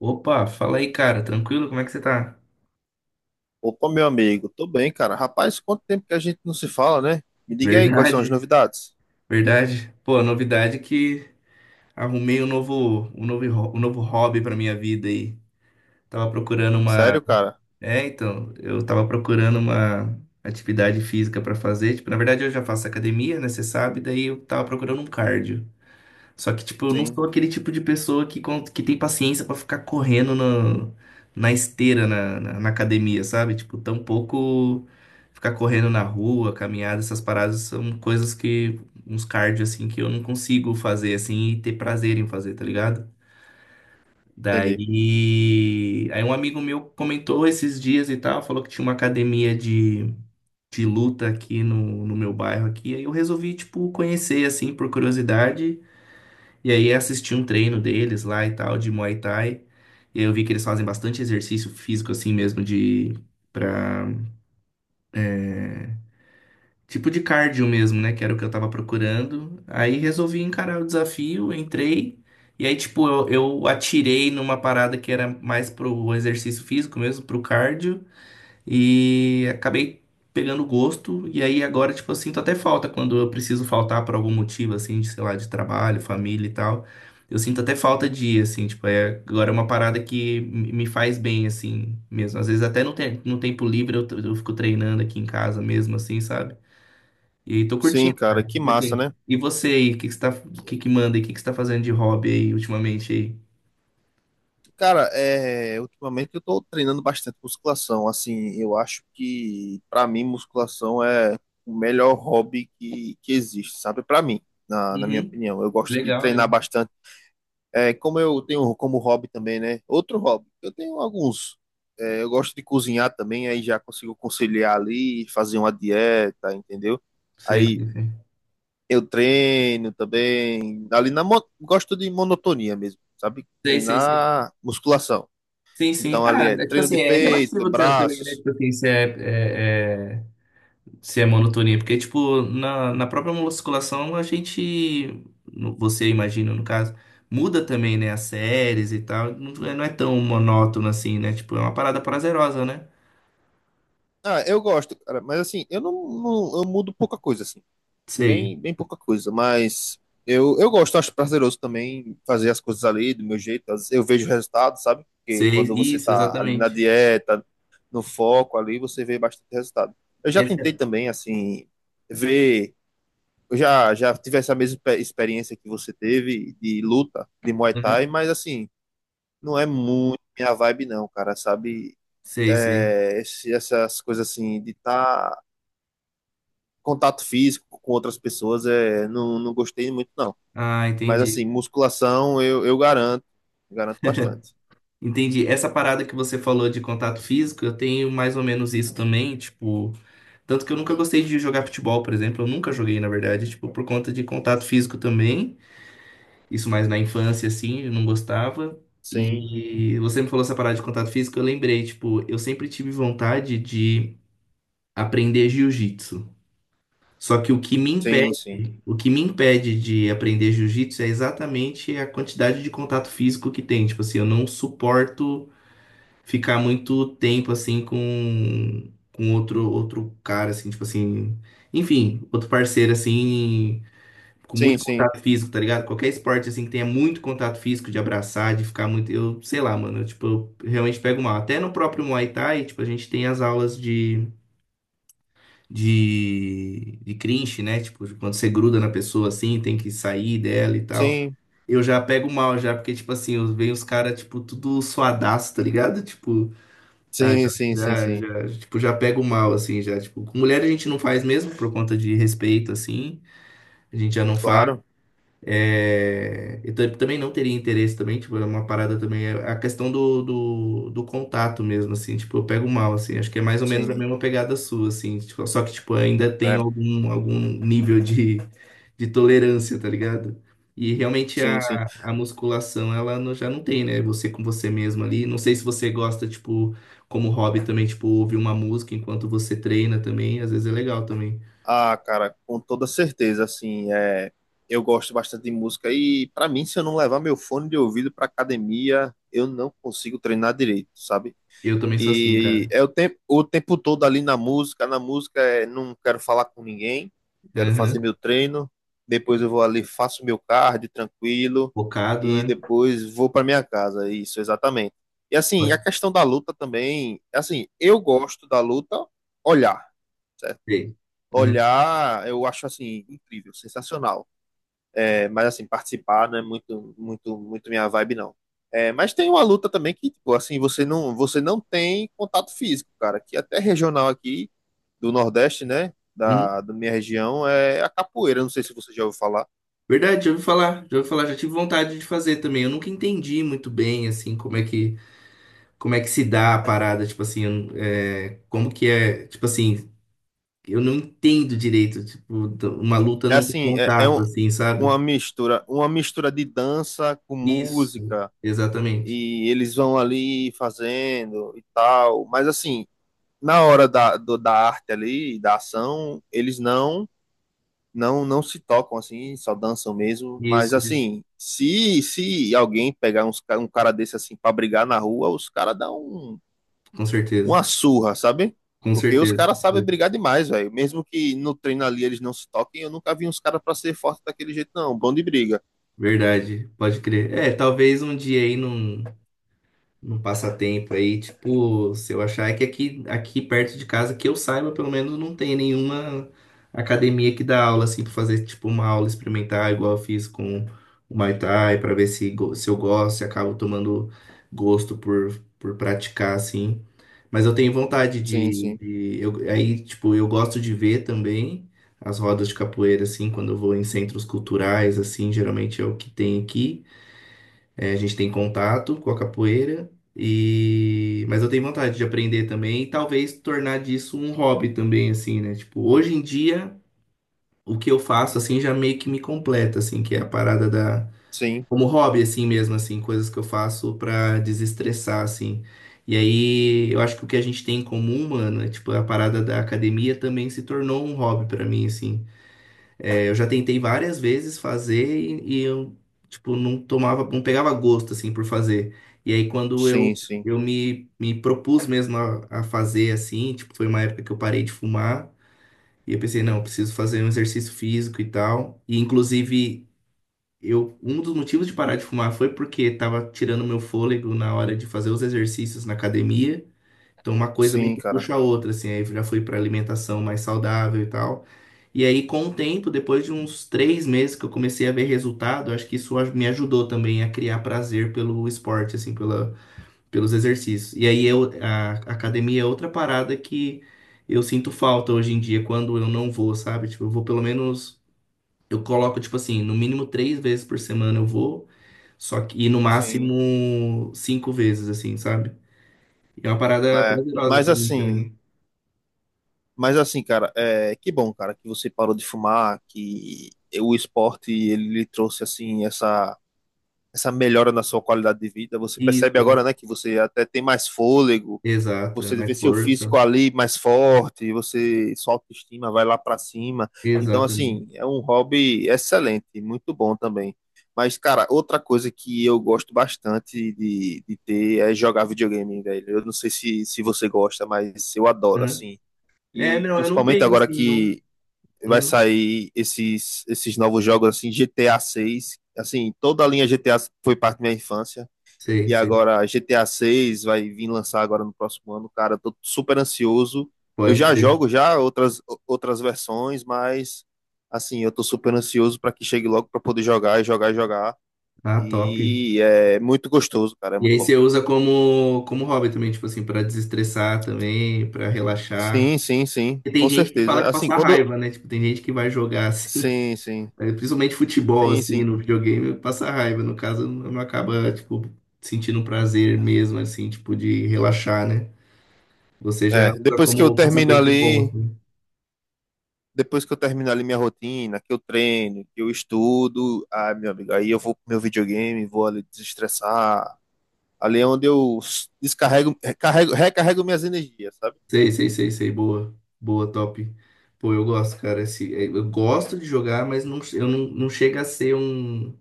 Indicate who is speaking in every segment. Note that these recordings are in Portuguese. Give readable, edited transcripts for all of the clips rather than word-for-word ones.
Speaker 1: Opa, fala aí, cara. Tranquilo? Como é que você tá?
Speaker 2: Opa, meu amigo, tô bem, cara. Rapaz, quanto tempo que a gente não se fala, né? Me diga aí quais são as
Speaker 1: Verdade,
Speaker 2: novidades.
Speaker 1: verdade. Pô, novidade que arrumei um novo hobby pra minha vida aí. Tava procurando uma.
Speaker 2: Sério, cara?
Speaker 1: É, então, eu tava procurando uma atividade física pra fazer. Tipo, na verdade eu já faço academia, né? Você sabe, daí eu tava procurando um cardio. Só que, tipo, eu não
Speaker 2: Sim,
Speaker 1: sou aquele tipo de pessoa que tem paciência pra ficar correndo na, na, esteira, na academia, sabe? Tipo, tampouco ficar correndo na rua, caminhada, essas paradas são coisas que, uns cardio, assim, que eu não consigo fazer, assim, e ter prazer em fazer, tá ligado?
Speaker 2: entendi.
Speaker 1: Daí, aí um amigo meu comentou esses dias e tal, falou que tinha uma academia de, luta aqui no meu bairro aqui, aí eu resolvi, tipo, conhecer, assim, por curiosidade e aí assisti um treino deles lá e tal, de Muay Thai. E eu vi que eles fazem bastante exercício físico assim mesmo de para tipo de cardio mesmo, né, que era o que eu tava procurando. Aí resolvi encarar o desafio, entrei e aí tipo eu atirei numa parada que era mais pro exercício físico mesmo, pro cardio. E acabei pegando gosto. E aí agora, tipo assim, sinto até falta quando eu preciso faltar por algum motivo, assim, de, sei lá, de trabalho, família e tal. Eu sinto até falta de ir, assim, tipo, é, agora é uma parada que me faz bem, assim, mesmo. Às vezes até no tempo livre eu fico treinando aqui em casa mesmo, assim, sabe? E aí tô
Speaker 2: Sim,
Speaker 1: curtindo,
Speaker 2: cara,
Speaker 1: cara, tô
Speaker 2: que massa,
Speaker 1: curtindo.
Speaker 2: né?
Speaker 1: E você aí, o que que você tá, o que
Speaker 2: Que-
Speaker 1: que manda aí, o que que você tá fazendo de hobby aí ultimamente aí?
Speaker 2: Cara, é, ultimamente eu tô treinando bastante musculação. Assim, eu acho que pra mim musculação é o melhor hobby que existe, sabe? Pra mim, na minha
Speaker 1: Uhum.
Speaker 2: opinião. Eu gosto de
Speaker 1: Legal,
Speaker 2: treinar
Speaker 1: legal.
Speaker 2: bastante. É, como eu tenho como hobby também, né? Outro hobby. Eu tenho alguns. É, eu gosto de cozinhar também, aí já consigo conciliar ali, fazer uma dieta, entendeu?
Speaker 1: Sei,
Speaker 2: Aí
Speaker 1: sei, sei.
Speaker 2: eu treino também. Gosto de monotonia mesmo, sabe?
Speaker 1: Sei, sei, sei.
Speaker 2: Treinar musculação.
Speaker 1: Sim, sim.
Speaker 2: Então
Speaker 1: Ah,
Speaker 2: ali é
Speaker 1: é, tipo
Speaker 2: treino de
Speaker 1: assim, é
Speaker 2: peito,
Speaker 1: relativo dizer também, né?
Speaker 2: braços.
Speaker 1: Tipo assim, se é, é, é- se é, monotonia. Porque, tipo, na própria musculação, a gente, no- você imagina, no caso, muda também, né? As séries e tal. Não é tão monótono assim, né? Tipo, é uma parada prazerosa, né?
Speaker 2: Ah, eu gosto, cara, mas assim, eu não, não- eu mudo pouca coisa, assim.
Speaker 1: Sei,
Speaker 2: Bem, bem pouca coisa, mas eu gosto, acho prazeroso também fazer as coisas ali do meu jeito. Às vezes eu vejo o resultado, sabe? Porque
Speaker 1: sei.
Speaker 2: quando você
Speaker 1: Isso,
Speaker 2: tá ali na
Speaker 1: exatamente.
Speaker 2: dieta, no foco ali, você vê bastante resultado. Eu já
Speaker 1: Esse
Speaker 2: tentei
Speaker 1: é-
Speaker 2: também, assim, ver. Eu já tive essa experiência que você teve de luta, de Muay Thai,
Speaker 1: Uhum.
Speaker 2: mas assim, não é muito minha vibe, não, cara, sabe?
Speaker 1: Sei, sei.
Speaker 2: Essas coisas assim, de estar. Tá contato físico com outras pessoas, é, não gostei muito, não.
Speaker 1: Ah,
Speaker 2: Mas assim,
Speaker 1: entendi.
Speaker 2: musculação eu garanto, garanto bastante.
Speaker 1: Entendi. Essa parada que você falou de contato físico, eu tenho mais ou menos isso também, tipo. Tanto que eu nunca gostei de jogar futebol, por exemplo. Eu nunca joguei, na verdade, tipo, por conta de contato físico também. Isso mais na infância, assim, eu não gostava.
Speaker 2: Sim,
Speaker 1: E você me falou essa parada de contato físico, eu lembrei, tipo, eu sempre tive vontade de aprender jiu-jitsu. Só que o que me
Speaker 2: sim, sim.
Speaker 1: impede, o que me impede de aprender jiu-jitsu é exatamente a quantidade de contato físico que tem. Tipo assim, eu não suporto ficar muito tempo assim com outro cara assim, tipo assim, enfim, outro parceiro assim, com
Speaker 2: Sim,
Speaker 1: muito
Speaker 2: sim.
Speaker 1: contato físico, tá ligado? Qualquer esporte assim que tenha muito contato físico de abraçar, de ficar muito, eu sei lá, mano, eu, tipo, eu realmente pego mal. Até no próprio Muay Thai, tipo, a gente tem as aulas de de clinch, né? Tipo, de quando você gruda na pessoa assim, tem que sair dela e tal.
Speaker 2: Sim,
Speaker 1: Eu já pego mal já, porque, tipo assim, eu- vem os caras, tipo, tudo suadaço, tá ligado? Tipo, ah,
Speaker 2: sim, sim, sim,
Speaker 1: já,
Speaker 2: sim.
Speaker 1: já, já, tipo, já pego mal, assim, já, tipo, com mulher a gente não faz mesmo por conta de respeito, assim, a gente já não faz.
Speaker 2: Claro,
Speaker 1: É, eu também não teria interesse também, tipo, é uma parada também, é a questão do, do contato mesmo, assim, tipo, eu pego mal, assim, acho que é mais ou menos a
Speaker 2: sim.
Speaker 1: mesma pegada sua, assim, tipo, só que, tipo, ainda tenho
Speaker 2: É,
Speaker 1: algum, nível de tolerância, tá ligado? E realmente
Speaker 2: sim,
Speaker 1: a,
Speaker 2: sim.
Speaker 1: a musculação, ela não- já não tem, né? Você com você mesmo ali, não sei se você gosta, tipo, como hobby também, tipo, ouvir uma música enquanto você treina também, às vezes é legal também.
Speaker 2: Ah, cara, com toda certeza, assim, é, eu gosto bastante de música e pra mim, se eu não levar meu fone de ouvido pra academia, eu não consigo treinar direito, sabe?
Speaker 1: Eu também sou assim,
Speaker 2: E
Speaker 1: cara.
Speaker 2: é o tempo todo ali na música. Na música é não quero falar com ninguém, quero fazer
Speaker 1: Aham.
Speaker 2: meu treino. Depois eu vou ali, faço meu cardio tranquilo
Speaker 1: Focado,
Speaker 2: e
Speaker 1: né?
Speaker 2: depois vou para minha casa. Isso, exatamente. E assim, a questão da luta também, assim, eu gosto da luta olhar, certo?
Speaker 1: Sei. Uhum,
Speaker 2: Olhar, eu acho assim incrível, sensacional. É, mas assim, participar não é muito, muito, muito minha vibe, não. É, mas tem uma luta também que, tipo, assim, você não tem contato físico, cara. Que até regional aqui do Nordeste, né? Da,
Speaker 1: uhum.
Speaker 2: da minha região é a capoeira. Não sei se você já ouviu falar.
Speaker 1: Verdade, já ouvi falar, já ouvi falar, já tive vontade de fazer também. Eu nunca entendi muito bem, assim, como é que se dá a parada, tipo assim, eu- é, como que é, tipo assim, eu não entendo direito, tipo, d- uma luta
Speaker 2: É
Speaker 1: não tem
Speaker 2: assim, é, é
Speaker 1: contato,
Speaker 2: um-
Speaker 1: assim, sabe?
Speaker 2: uma mistura, uma mistura de dança com
Speaker 1: Isso,
Speaker 2: música.
Speaker 1: exatamente.
Speaker 2: E eles vão ali fazendo e tal. Mas assim, na hora da arte ali, da ação, eles não se tocam assim, só dançam mesmo. Mas
Speaker 1: Isso,
Speaker 2: assim, se se alguém pegar um cara desse assim para brigar na rua, os caras dão um-
Speaker 1: com certeza,
Speaker 2: uma surra, sabe?
Speaker 1: com
Speaker 2: Porque os
Speaker 1: certeza.
Speaker 2: caras sabem brigar demais, velho. Mesmo que no treino ali eles não se toquem, eu nunca vi uns caras para ser forte daquele jeito, não. Bom de briga.
Speaker 1: Verdade, pode crer. É, talvez um dia aí não. Num passatempo aí, tipo, se eu achar é que aqui, perto de casa, que eu saiba, pelo menos não tem nenhuma academia que dá aula, assim, pra fazer, tipo, uma aula experimentar, igual eu fiz com o Muay Thai, pra ver se eu gosto, se acabo tomando gosto por praticar, assim. Mas eu tenho vontade
Speaker 2: Sim,
Speaker 1: de,
Speaker 2: sim,
Speaker 1: de eu, aí, tipo, eu gosto de ver também as rodas de capoeira, assim, quando eu vou em centros culturais, assim, geralmente é o que tem aqui. É, a gente tem contato com a capoeira e mas eu tenho vontade de aprender também e talvez tornar disso um hobby também assim, né? Tipo, hoje em dia o que eu faço assim já meio que me completa assim, que é a parada da
Speaker 2: sim,
Speaker 1: como hobby assim mesmo assim, coisas que eu faço pra desestressar assim. E aí eu acho que o que a gente tem em comum, mano, é tipo a parada da academia também se tornou um hobby pra mim assim. É, eu já tentei várias vezes fazer e eu, tipo, não tomava, não pegava gosto, assim, por fazer. E aí, quando eu,
Speaker 2: sim, sim,
Speaker 1: eu me, propus mesmo a fazer, assim, tipo, foi uma época que eu parei de fumar e eu pensei, não, eu preciso fazer um exercício físico e tal. E, inclusive, eu, um dos motivos de parar de fumar foi porque tava tirando meu fôlego na hora de fazer os exercícios na academia. Então, uma coisa meio
Speaker 2: sim,
Speaker 1: que
Speaker 2: cara,
Speaker 1: puxa a outra, assim. Aí eu já fui para alimentação mais saudável e tal. E aí, com o tempo, depois de uns 3 meses que eu comecei a ver resultado, acho que isso aj- me ajudou também a criar prazer pelo esporte, assim, pela, pelos exercícios. E aí, eu, a academia é outra parada que eu sinto falta hoje em dia quando eu não vou, sabe? Tipo, eu vou pelo menos. Eu coloco, tipo assim, no mínimo 3 vezes por semana eu vou, só que, e no
Speaker 2: sim.
Speaker 1: máximo 5 vezes, assim, sabe? E é uma parada
Speaker 2: É.
Speaker 1: prazerosa pra mim também.
Speaker 2: Mas assim, cara, é, que bom, cara, que você parou de fumar, que o esporte ele lhe trouxe assim essa essa melhora na sua qualidade de vida. Você percebe
Speaker 1: Isso, né?
Speaker 2: agora, né, que você até tem mais fôlego,
Speaker 1: Exato, é
Speaker 2: você vê
Speaker 1: mais
Speaker 2: seu
Speaker 1: força,
Speaker 2: físico ali mais forte, você sua autoestima vai lá para cima. Então, assim,
Speaker 1: exatamente.
Speaker 2: é um hobby excelente, muito bom também. Mas, cara, outra coisa que eu gosto bastante de ter é jogar videogame, velho. Eu não sei se, se você gosta, mas eu adoro,
Speaker 1: Aham.
Speaker 2: assim.
Speaker 1: É,
Speaker 2: E
Speaker 1: não, eu não
Speaker 2: principalmente
Speaker 1: tenho
Speaker 2: agora
Speaker 1: assim, não.
Speaker 2: que vai
Speaker 1: Aham.
Speaker 2: sair esses novos jogos, assim, GTA 6. Assim, toda a linha GTA foi parte da minha infância.
Speaker 1: Sei,
Speaker 2: E
Speaker 1: sei,
Speaker 2: agora GTA 6 vai vir lançar agora no próximo ano. Cara, tô super ansioso. Eu
Speaker 1: pode
Speaker 2: já
Speaker 1: crer.
Speaker 2: jogo já outras, outras versões, mas assim, eu tô super ansioso para que chegue logo para poder jogar e jogar e jogar.
Speaker 1: Ah, top.
Speaker 2: E é muito gostoso, cara, é
Speaker 1: E
Speaker 2: muito
Speaker 1: aí
Speaker 2: bom.
Speaker 1: você usa como hobby também, tipo assim, pra desestressar também, pra relaxar.
Speaker 2: Sim, sim, sim,
Speaker 1: E tem
Speaker 2: com
Speaker 1: gente que fala
Speaker 2: certeza.
Speaker 1: que
Speaker 2: Assim,
Speaker 1: passa
Speaker 2: quando.
Speaker 1: raiva, né? Tipo, tem gente que vai jogar assim,
Speaker 2: Sim, sim,
Speaker 1: eh, principalmente futebol
Speaker 2: sim,
Speaker 1: assim,
Speaker 2: sim.
Speaker 1: no videogame, passa raiva. No caso, não acaba tipo sentindo prazer mesmo assim, tipo de relaxar, né? Você já
Speaker 2: É,
Speaker 1: usa
Speaker 2: depois que eu
Speaker 1: como
Speaker 2: termino
Speaker 1: passatempo bom,
Speaker 2: ali,
Speaker 1: assim.
Speaker 2: depois que eu terminar ali minha rotina, que eu treino, que eu estudo, ah, meu amigo, aí eu vou pro meu videogame, vou ali desestressar. Ali é onde eu s- Descarrego, recarrego, recarrego minhas energias, sabe?
Speaker 1: Sei, sei, sei, sei. Boa. Boa, top. Pô, eu gosto, cara. Esse, é, eu gosto de jogar, mas não, eu não chega a ser um,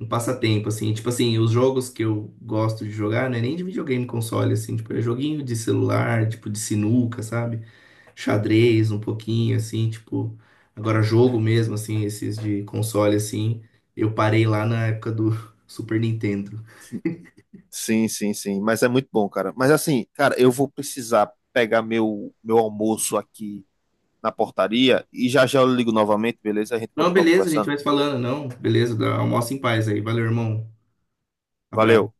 Speaker 1: um passatempo, assim. Tipo assim, os jogos que eu gosto de jogar, não é nem de videogame console, assim. Tipo, é joguinho de celular, tipo, de sinuca, sabe? Xadrez, um pouquinho, assim, tipo... Agora, jogo mesmo, assim, esses de console, assim. Eu parei lá na época do Super Nintendo.
Speaker 2: Sim, sim, sim. Mas é muito bom, cara. Mas assim, cara, eu vou precisar pegar meu almoço aqui na portaria e já já eu ligo novamente, beleza? A gente
Speaker 1: Não,
Speaker 2: continua
Speaker 1: beleza, a gente
Speaker 2: conversando.
Speaker 1: vai se falando, não. Beleza, dá- almoça em paz aí. Valeu, irmão. Abraço.
Speaker 2: Valeu.